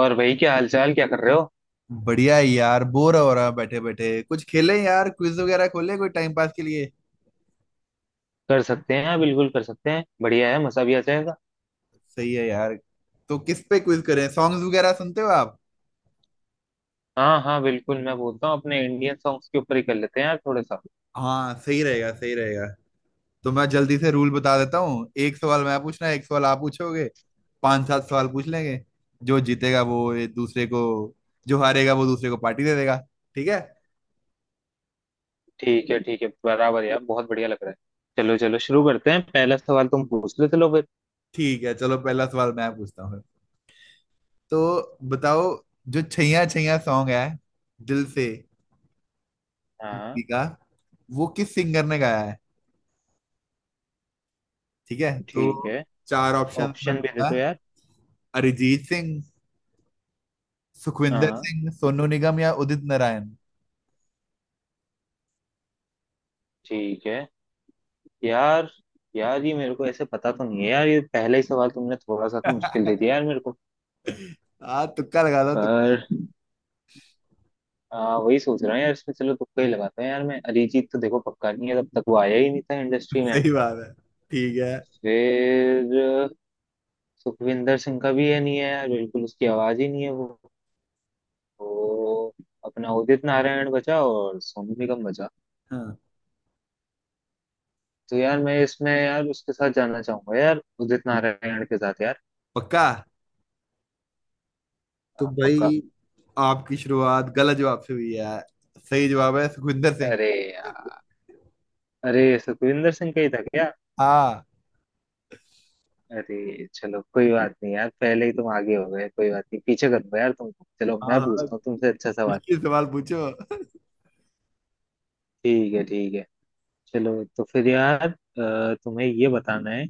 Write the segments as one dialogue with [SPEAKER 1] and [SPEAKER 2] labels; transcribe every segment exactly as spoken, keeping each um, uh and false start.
[SPEAKER 1] और भाई क्या हालचाल, क्या कर रहे हो।
[SPEAKER 2] बढ़िया है यार। बोर हो रहा बैठे बैठे। कुछ खेलें यार, क्विज वगैरह खोले कोई, टाइम पास के लिए।
[SPEAKER 1] कर सकते हैं, बिल्कुल कर सकते हैं, बढ़िया है, मजा भी आ जाएगा।
[SPEAKER 2] सही है यार। तो किस पे क्विज करें? सॉन्ग्स वगैरह सुनते हो आप?
[SPEAKER 1] हाँ हाँ बिल्कुल, मैं बोलता हूँ अपने इंडियन सॉन्ग्स के ऊपर ही कर लेते हैं यार, थोड़ा सा।
[SPEAKER 2] हाँ, सही रहेगा सही रहेगा। तो मैं जल्दी से रूल बता देता हूँ। एक सवाल मैं पूछना, एक सवाल आप पूछोगे। पांच सात सवाल पूछ लेंगे। जो जीतेगा वो एक दूसरे को, जो हारेगा वो दूसरे को पार्टी दे देगा। ठीक है?
[SPEAKER 1] ठीक है ठीक है, बराबर यार, बहुत बढ़िया लग रहा है। चलो चलो शुरू करते हैं, पहला सवाल तुम पूछ लो चलो फिर।
[SPEAKER 2] ठीक है, चलो पहला सवाल मैं पूछता हूँ। तो बताओ, जो छैया छैया सॉन्ग है दिल से
[SPEAKER 1] हाँ।
[SPEAKER 2] मूवी का, वो किस सिंगर ने गाया है? ठीक है तो
[SPEAKER 1] ठीक है,
[SPEAKER 2] चार ऑप्शन मैं
[SPEAKER 1] ऑप्शन भी दे
[SPEAKER 2] दूंगा।
[SPEAKER 1] दो यार।
[SPEAKER 2] अरिजीत सिंह, सुखविंदर
[SPEAKER 1] हाँ।
[SPEAKER 2] सिंह, सोनू निगम या उदित नारायण।
[SPEAKER 1] ठीक है। यार, यार ये मेरे को ऐसे पता तो नहीं है यार, ये पहला ही सवाल तुमने थोड़ा सा तो मुश्किल दे दिया यार मेरे को।
[SPEAKER 2] हाँ, तुक्का लगा दो तुक्का।
[SPEAKER 1] पर हाँ वही सोच रहा हूँ यार इसमें, चलो तुक्का ही लगाते हैं यार। मैं अरिजीत तो देखो पक्का नहीं है, तब तक वो आया ही नहीं था इंडस्ट्री में।
[SPEAKER 2] सही बात है। ठीक है।
[SPEAKER 1] फिर अ, सुखविंदर सिंह का भी है नहीं है यार, बिल्कुल उसकी आवाज ही नहीं है वो। तो अपना उदित नारायण बचा और सोनू निगम बचा।
[SPEAKER 2] हाँ,
[SPEAKER 1] तो यार मैं इसमें यार उसके साथ जाना चाहूंगा यार, उदित नारायण के साथ यार।
[SPEAKER 2] पक्का? तो
[SPEAKER 1] हाँ, पक्का।
[SPEAKER 2] भाई, आपकी शुरुआत गलत जवाब से हुई है। सही जवाब है सुखविंदर सिंह।
[SPEAKER 1] अरे यार। अरे, सुखविंदर सिंह का ही था क्या।
[SPEAKER 2] हाँ
[SPEAKER 1] अरे चलो कोई बात नहीं यार, पहले ही तुम आगे हो गए। कोई बात नहीं, पीछे कर दो यार तुमको, चलो
[SPEAKER 2] हाँ,
[SPEAKER 1] मैं
[SPEAKER 2] हाँ,
[SPEAKER 1] पूछता हूँ तुमसे अच्छा सवाल।
[SPEAKER 2] मुश्किल सवाल पूछो।
[SPEAKER 1] ठीक है ठीक है। चलो तो फिर यार, अ, तुम्हें ये बताना है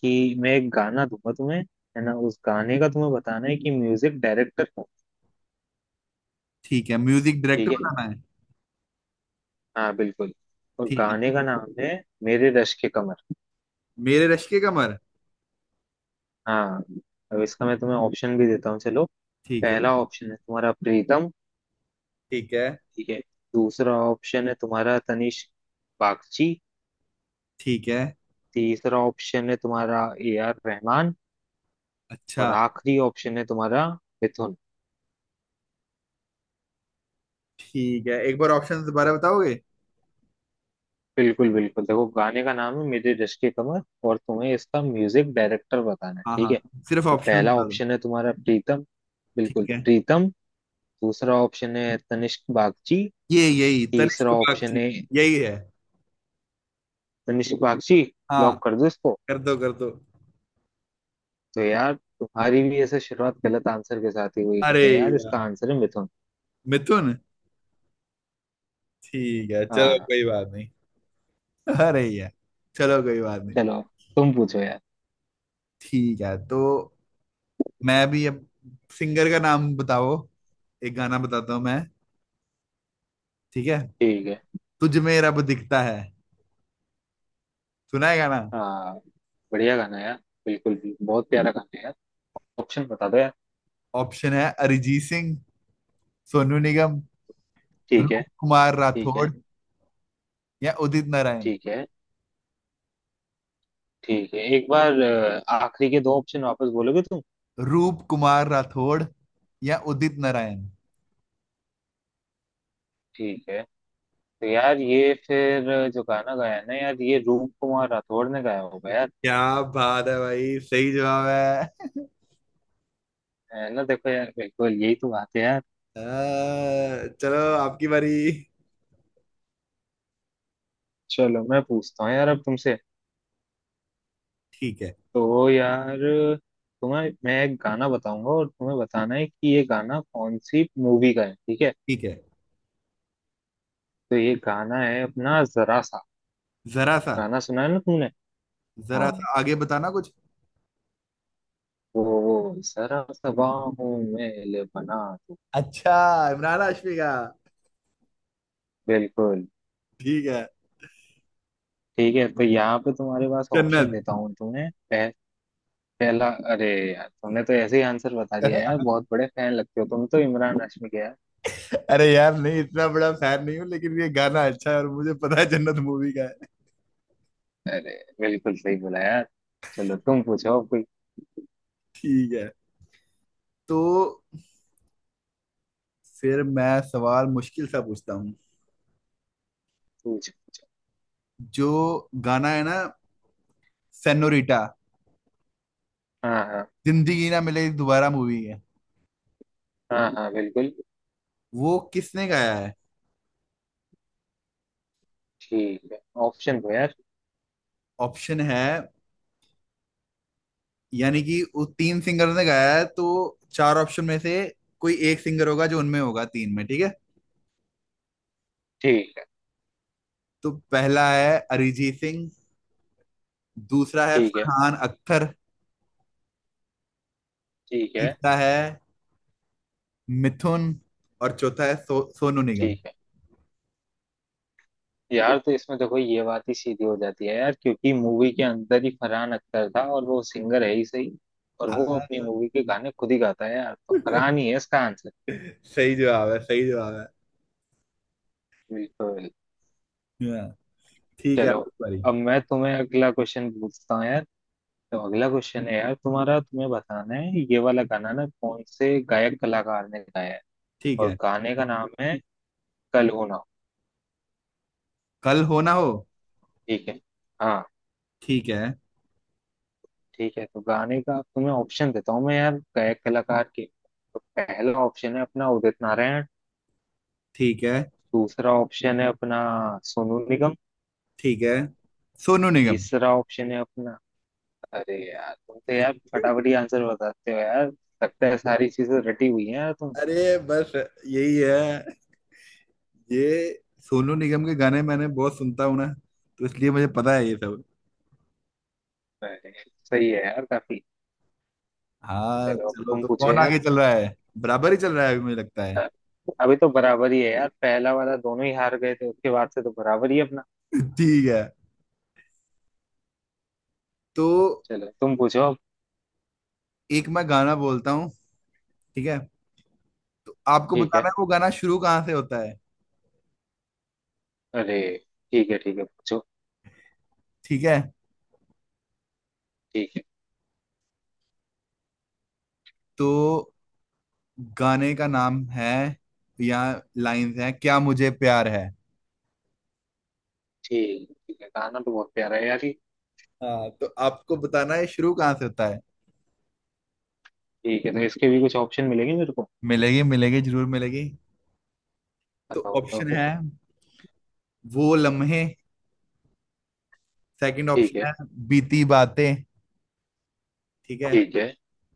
[SPEAKER 1] कि मैं एक गाना दूंगा तुम्हें, है ना। उस गाने का तुम्हें बताना है कि म्यूजिक डायरेक्टर कौन।
[SPEAKER 2] ठीक है, म्यूजिक डायरेक्टर
[SPEAKER 1] ठीक है,
[SPEAKER 2] बनाना है।
[SPEAKER 1] हाँ बिल्कुल। और
[SPEAKER 2] ठीक
[SPEAKER 1] गाने
[SPEAKER 2] है।
[SPEAKER 1] का नाम है मेरे रश के कमर।
[SPEAKER 2] मेरे रश्के कमर।
[SPEAKER 1] हाँ। अब इसका मैं तुम्हें ऑप्शन भी देता हूँ चलो।
[SPEAKER 2] ठीक है।
[SPEAKER 1] पहला ऑप्शन है तुम्हारा प्रीतम।
[SPEAKER 2] ठीक है।
[SPEAKER 1] ठीक है। दूसरा ऑप्शन है तुम्हारा तनिष्क बागची।
[SPEAKER 2] ठीक है।
[SPEAKER 1] तीसरा ऑप्शन है तुम्हारा ए आर रहमान।
[SPEAKER 2] अच्छा।
[SPEAKER 1] और आखिरी ऑप्शन है तुम्हारा मिथुन।
[SPEAKER 2] ठीक है, एक बार ऑप्शन दोबारा बताओगे?
[SPEAKER 1] बिल्कुल बिल्कुल देखो, गाने का नाम है मेरी रिश्क की कमर, और तुम्हें इसका म्यूजिक डायरेक्टर बताना है
[SPEAKER 2] हाँ
[SPEAKER 1] ठीक
[SPEAKER 2] हाँ,
[SPEAKER 1] है।
[SPEAKER 2] सिर्फ
[SPEAKER 1] तो
[SPEAKER 2] ऑप्शन
[SPEAKER 1] पहला
[SPEAKER 2] बता दो।
[SPEAKER 1] ऑप्शन है तुम्हारा प्रीतम, बिल्कुल
[SPEAKER 2] ठीक है।
[SPEAKER 1] प्रीतम। दूसरा ऑप्शन है तनिष्क बागची।
[SPEAKER 2] ये यही, तनिष्क
[SPEAKER 1] तीसरा ऑप्शन
[SPEAKER 2] बागची।
[SPEAKER 1] है
[SPEAKER 2] यही है।
[SPEAKER 1] तनिष्क बागची।
[SPEAKER 2] हाँ,
[SPEAKER 1] लॉक कर दो इसको।
[SPEAKER 2] कर दो कर दो।
[SPEAKER 1] तो यार, तुम्हारी भी ऐसे शुरुआत गलत आंसर के साथ ही हुई
[SPEAKER 2] अरे
[SPEAKER 1] है यार, इसका
[SPEAKER 2] यार,
[SPEAKER 1] आंसर है मिथुन।
[SPEAKER 2] मिथुन। ठीक है चलो
[SPEAKER 1] हाँ।
[SPEAKER 2] कोई बात नहीं। अरे यार, चलो कोई बात नहीं।
[SPEAKER 1] चलो तुम पूछो यार।
[SPEAKER 2] ठीक है तो मैं भी अब सिंगर का नाम बताओ। एक गाना बताता हूँ मैं। ठीक है।
[SPEAKER 1] ठीक है।
[SPEAKER 2] तुझ में रब दिखता है, सुना है गाना?
[SPEAKER 1] हाँ, बढ़िया गाना है यार, बिल्कुल, भी बहुत प्यारा गाना है यार। ऑप्शन बता दो यार।
[SPEAKER 2] ऑप्शन है अरिजीत सिंह, सोनू निगम,
[SPEAKER 1] ठीक है।
[SPEAKER 2] रूप कुमार
[SPEAKER 1] ठीक है।
[SPEAKER 2] राठौड़ या उदित नारायण।
[SPEAKER 1] ठीक है। ठीक है, एक बार अ, आखिरी के दो ऑप्शन वापस बोलोगे तुम।
[SPEAKER 2] रूप कुमार राठौड़ या उदित नारायण।
[SPEAKER 1] ठीक है। तो यार ये फिर जो गाना गाया है ना यार, ये रूप कुमार राठौड़ ने गाया होगा यार।
[SPEAKER 2] क्या बात है भाई, सही जवाब है।
[SPEAKER 1] है ना, देखो यार, बिल्कुल यही तो बात है यार।
[SPEAKER 2] अह, चलो आपकी बारी।
[SPEAKER 1] चलो मैं पूछता हूँ यार अब तुमसे।
[SPEAKER 2] ठीक है।
[SPEAKER 1] तो यार तुम्हें मैं एक गाना बताऊंगा और तुम्हें बताना है कि ये गाना कौन सी मूवी का है ठीक है।
[SPEAKER 2] ठीक है।
[SPEAKER 1] तो ये गाना है अपना जरा सा,
[SPEAKER 2] जरा सा।
[SPEAKER 1] गाना सुना है ना तुमने। हाँ,
[SPEAKER 2] जरा सा आगे बताना कुछ।
[SPEAKER 1] वो वो जरा सा बाहों में ले बना दो।
[SPEAKER 2] अच्छा, इमरान हाशमी का।
[SPEAKER 1] बिल्कुल।
[SPEAKER 2] ठीक है।
[SPEAKER 1] ठीक है, तो यहाँ पे तुम्हारे पास ऑप्शन
[SPEAKER 2] जन्नत।
[SPEAKER 1] देता हूँ तुम्हें। पह, पहला, अरे यार तुमने तो ऐसे ही आंसर बता दिया यार, बहुत बड़े फैन लगते हो तुम तो इमरान हाशमी के यार।
[SPEAKER 2] अरे यार नहीं, इतना बड़ा फैन नहीं हूँ, लेकिन ये गाना अच्छा है और मुझे पता है जन्नत मूवी का है।
[SPEAKER 1] अरे बिल्कुल सही बोला यार। चलो तुम पूछो अब कोई।
[SPEAKER 2] ठीक है तो फिर मैं सवाल मुश्किल सा पूछता हूँ।
[SPEAKER 1] पूछो पूछो।
[SPEAKER 2] जो गाना है ना, सेनोरिटा,
[SPEAKER 1] हाँ हाँ।
[SPEAKER 2] जिंदगी ना मिले दोबारा मूवी है,
[SPEAKER 1] हाँ हाँ बिल्कुल।
[SPEAKER 2] वो किसने गाया है?
[SPEAKER 1] ठीक है, ऑप्शन दो यार।
[SPEAKER 2] ऑप्शन है, यानी कि वो तीन सिंगर ने गाया है तो चार ऑप्शन में से कोई एक सिंगर होगा जो उनमें होगा तीन में, ठीक है?
[SPEAKER 1] ठीक है।
[SPEAKER 2] तो पहला है अरिजीत सिंह, दूसरा है
[SPEAKER 1] ठीक है।
[SPEAKER 2] फरहान अख्तर,
[SPEAKER 1] ठीक है।
[SPEAKER 2] तीसरा है मिथुन, और चौथा है सो, सोनू निगम।
[SPEAKER 1] ठीक है, यार तो इसमें देखो ये बात ही सीधी हो जाती है यार, क्योंकि मूवी के अंदर ही फरहान अख्तर था और वो सिंगर है ही सही, और वो
[SPEAKER 2] हाँ,
[SPEAKER 1] अपनी मूवी के गाने खुद ही गाता है यार, तो फरहान ही है इसका आंसर।
[SPEAKER 2] सही जवाब है सही जवाब है।
[SPEAKER 1] बिल्कुल।
[SPEAKER 2] हाँ, ठीक है
[SPEAKER 1] चलो,
[SPEAKER 2] सॉरी।
[SPEAKER 1] अब मैं तुम्हें अगला क्वेश्चन पूछता हूँ यार। तो अगला क्वेश्चन है यार तुम्हारा, तुम्हें बताना है ये वाला गाना ना कौन से गायक कलाकार ने गाया है।
[SPEAKER 2] ठीक
[SPEAKER 1] और
[SPEAKER 2] है।
[SPEAKER 1] गाने का नाम है कल हो ना हो।
[SPEAKER 2] कल हो ना हो।
[SPEAKER 1] ठीक है, हाँ।
[SPEAKER 2] ठीक है।
[SPEAKER 1] ठीक है, तो गाने का तुम्हें ऑप्शन देता हूँ मैं यार गायक कलाकार के। तो पहला ऑप्शन है अपना उदित नारायण।
[SPEAKER 2] ठीक है।
[SPEAKER 1] दूसरा ऑप्शन है अपना सोनू निगम।
[SPEAKER 2] ठीक है, सोनू निगम।
[SPEAKER 1] तीसरा ऑप्शन है अपना, अरे यार तुम तो यार फटाफट ही आंसर बताते हो यार, लगता है सारी चीजें रटी हुई है यार तुम।
[SPEAKER 2] अरे बस यही है, ये सोनू निगम के गाने मैंने बहुत सुनता हूँ ना, तो इसलिए मुझे पता है ये सब।
[SPEAKER 1] अरे, सही है यार काफी।
[SPEAKER 2] हाँ
[SPEAKER 1] चलो अब
[SPEAKER 2] चलो,
[SPEAKER 1] तुम
[SPEAKER 2] तो
[SPEAKER 1] पूछो
[SPEAKER 2] कौन
[SPEAKER 1] यार।
[SPEAKER 2] आगे चल रहा है? बराबर ही चल रहा है अभी मुझे लगता है।
[SPEAKER 1] अ, अभी तो बराबर ही है यार, पहला वाला दोनों ही हार गए थे, उसके बाद से तो बराबर ही है अपना।
[SPEAKER 2] ठीक है तो
[SPEAKER 1] चलो तुम पूछो अब।
[SPEAKER 2] एक मैं गाना बोलता हूँ, ठीक है? तो आपको
[SPEAKER 1] ठीक है।
[SPEAKER 2] बताना है वो गाना शुरू कहाँ से होता है।
[SPEAKER 1] अरे, ठीक है ठीक है पूछो।
[SPEAKER 2] ठीक है।
[SPEAKER 1] ठीक है।
[SPEAKER 2] तो गाने का नाम है, या लाइंस है, क्या मुझे प्यार है।
[SPEAKER 1] ठीक, ठीक है, गाना तो बहुत प्यारा है यार ये।
[SPEAKER 2] हाँ तो आपको बताना है शुरू कहाँ से होता है।
[SPEAKER 1] ठीक है, तो इसके भी कुछ ऑप्शन मिलेंगे मेरे को।
[SPEAKER 2] मिलेगी मिलेगी जरूर मिलेगी। तो
[SPEAKER 1] बताओ बताओ
[SPEAKER 2] ऑप्शन
[SPEAKER 1] फिर।
[SPEAKER 2] है वो लम्हे। सेकंड
[SPEAKER 1] ठीक है।
[SPEAKER 2] ऑप्शन है बीती बातें। ठीक है।
[SPEAKER 1] ठीक है।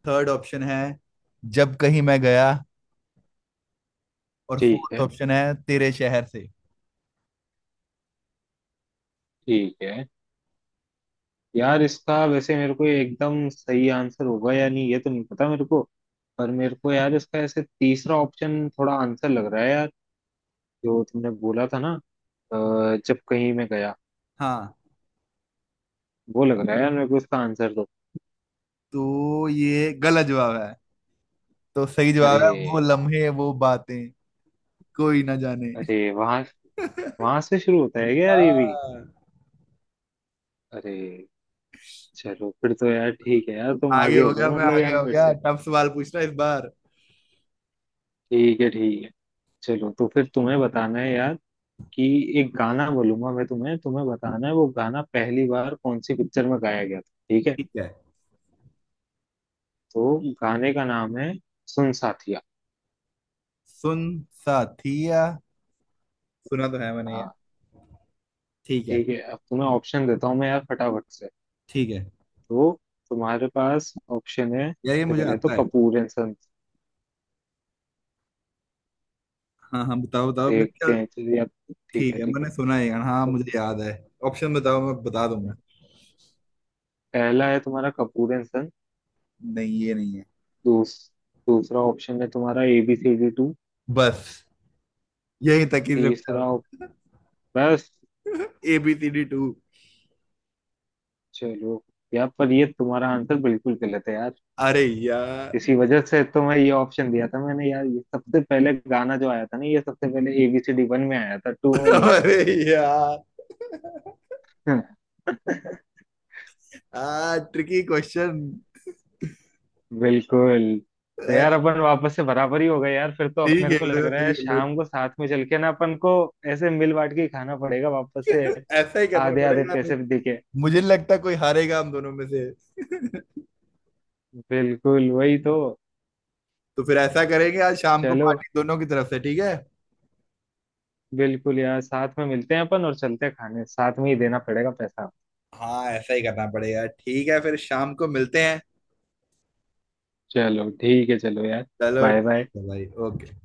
[SPEAKER 2] थर्ड ऑप्शन है जब कहीं मैं गया, और
[SPEAKER 1] ठीक
[SPEAKER 2] फोर्थ
[SPEAKER 1] है।
[SPEAKER 2] ऑप्शन है तेरे शहर से।
[SPEAKER 1] ठीक है, यार इसका वैसे मेरे को एकदम सही आंसर होगा या नहीं ये तो नहीं पता मेरे को। पर मेरे को यार इसका ऐसे तीसरा ऑप्शन थोड़ा आंसर लग रहा है यार, जो तुमने बोला था ना, अ, जब कहीं मैं गया,
[SPEAKER 2] हाँ,
[SPEAKER 1] वो लग रहा है यार मेरे को, इसका आंसर दो।
[SPEAKER 2] तो ये गलत जवाब है। तो सही
[SPEAKER 1] अरे
[SPEAKER 2] जवाब है वो
[SPEAKER 1] यार,
[SPEAKER 2] लम्हे वो बातें कोई ना जाने।
[SPEAKER 1] अरे वहां, वहां से शुरू होता है क्या यार ये भी।
[SPEAKER 2] हाँ,
[SPEAKER 1] अरे चलो फिर तो यार ठीक है यार, तुम
[SPEAKER 2] आगे
[SPEAKER 1] आगे
[SPEAKER 2] हो
[SPEAKER 1] हो
[SPEAKER 2] गया
[SPEAKER 1] गए
[SPEAKER 2] मैं,
[SPEAKER 1] मतलब यार
[SPEAKER 2] आगे हो
[SPEAKER 1] मेरे
[SPEAKER 2] गया।
[SPEAKER 1] से।
[SPEAKER 2] टफ सवाल पूछना इस बार।
[SPEAKER 1] ठीक है ठीक है। चलो तो फिर तुम्हें बताना है यार कि एक गाना बोलूंगा मैं तुम्हें, तुम्हें बताना है वो गाना पहली बार कौन सी पिक्चर में गाया गया था ठीक है।
[SPEAKER 2] ठीक है।
[SPEAKER 1] तो गाने का नाम है सुन साथिया।
[SPEAKER 2] सुन साथिया। सुना तो है मैंने यार।
[SPEAKER 1] हाँ।
[SPEAKER 2] ठीक है।
[SPEAKER 1] ठीक है, अब तुम्हें ऑप्शन देता हूँ मैं यार फटाफट से।
[SPEAKER 2] ठीक है
[SPEAKER 1] तो तुम्हारे पास ऑप्शन है,
[SPEAKER 2] यार, ये
[SPEAKER 1] सबसे
[SPEAKER 2] मुझे
[SPEAKER 1] पहले तो
[SPEAKER 2] आता है।
[SPEAKER 1] Kapoor and sons.
[SPEAKER 2] हाँ हाँ बताओ बताओ, मेरे
[SPEAKER 1] देखते
[SPEAKER 2] ख्याल।
[SPEAKER 1] हैं चलिए अब। ठीक
[SPEAKER 2] ठीक
[SPEAKER 1] है
[SPEAKER 2] है
[SPEAKER 1] ठीक
[SPEAKER 2] मैंने
[SPEAKER 1] है।
[SPEAKER 2] सुना है यार, हाँ
[SPEAKER 1] तो
[SPEAKER 2] मुझे याद है। ऑप्शन बताओ, मैं बता दूंगा।
[SPEAKER 1] पहला है तुम्हारा कपूर एंड सन्स।
[SPEAKER 2] नहीं, ये नहीं है।
[SPEAKER 1] दूस, दूसरा ऑप्शन है तुम्हारा एबीसीडी टू।
[SPEAKER 2] बस, यही तक ही रुक
[SPEAKER 1] तीसरा
[SPEAKER 2] जाओ।
[SPEAKER 1] op- बस
[SPEAKER 2] A B C D two.
[SPEAKER 1] चलो। यार पर ये तुम्हारा आंसर बिल्कुल गलत है यार।
[SPEAKER 2] अरे यार।
[SPEAKER 1] इसी वजह से तो मैं ये ऑप्शन दिया था मैंने यार, ये सबसे पहले गाना जो आया था ना, ये सबसे पहले एबीसीडी वन में आया था, टू में नहीं आया
[SPEAKER 2] अरे यार।
[SPEAKER 1] था
[SPEAKER 2] आ ट्रिकी क्वेश्चन।
[SPEAKER 1] बिल्कुल। तो यार
[SPEAKER 2] सही
[SPEAKER 1] अपन वापस से बराबर ही हो गए यार, फिर तो अब
[SPEAKER 2] खेल
[SPEAKER 1] मेरे को
[SPEAKER 2] रहे
[SPEAKER 1] लग
[SPEAKER 2] हो
[SPEAKER 1] रहा है
[SPEAKER 2] सही खेल रहे
[SPEAKER 1] शाम को साथ में चल के ना अपन को ऐसे मिल बांट के ही खाना पड़ेगा वापस से।
[SPEAKER 2] हो। ऐसा ही करना
[SPEAKER 1] आधे आधे
[SPEAKER 2] पड़ेगा हमें।
[SPEAKER 1] पैसे भी दिखे।
[SPEAKER 2] मुझे नहीं लगता कोई हारेगा हम दोनों में से।
[SPEAKER 1] बिल्कुल वही तो।
[SPEAKER 2] तो फिर ऐसा करेंगे, आज शाम को
[SPEAKER 1] चलो
[SPEAKER 2] पार्टी दोनों की तरफ से, ठीक है?
[SPEAKER 1] बिल्कुल यार, साथ में मिलते हैं अपन और चलते हैं खाने, साथ में ही देना पड़ेगा पैसा।
[SPEAKER 2] हाँ ऐसा ही करना पड़ेगा। ठीक है, फिर शाम को मिलते हैं।
[SPEAKER 1] चलो ठीक है, चलो यार,
[SPEAKER 2] चलो
[SPEAKER 1] बाय
[SPEAKER 2] ठीक
[SPEAKER 1] बाय।
[SPEAKER 2] है भाई, ओके।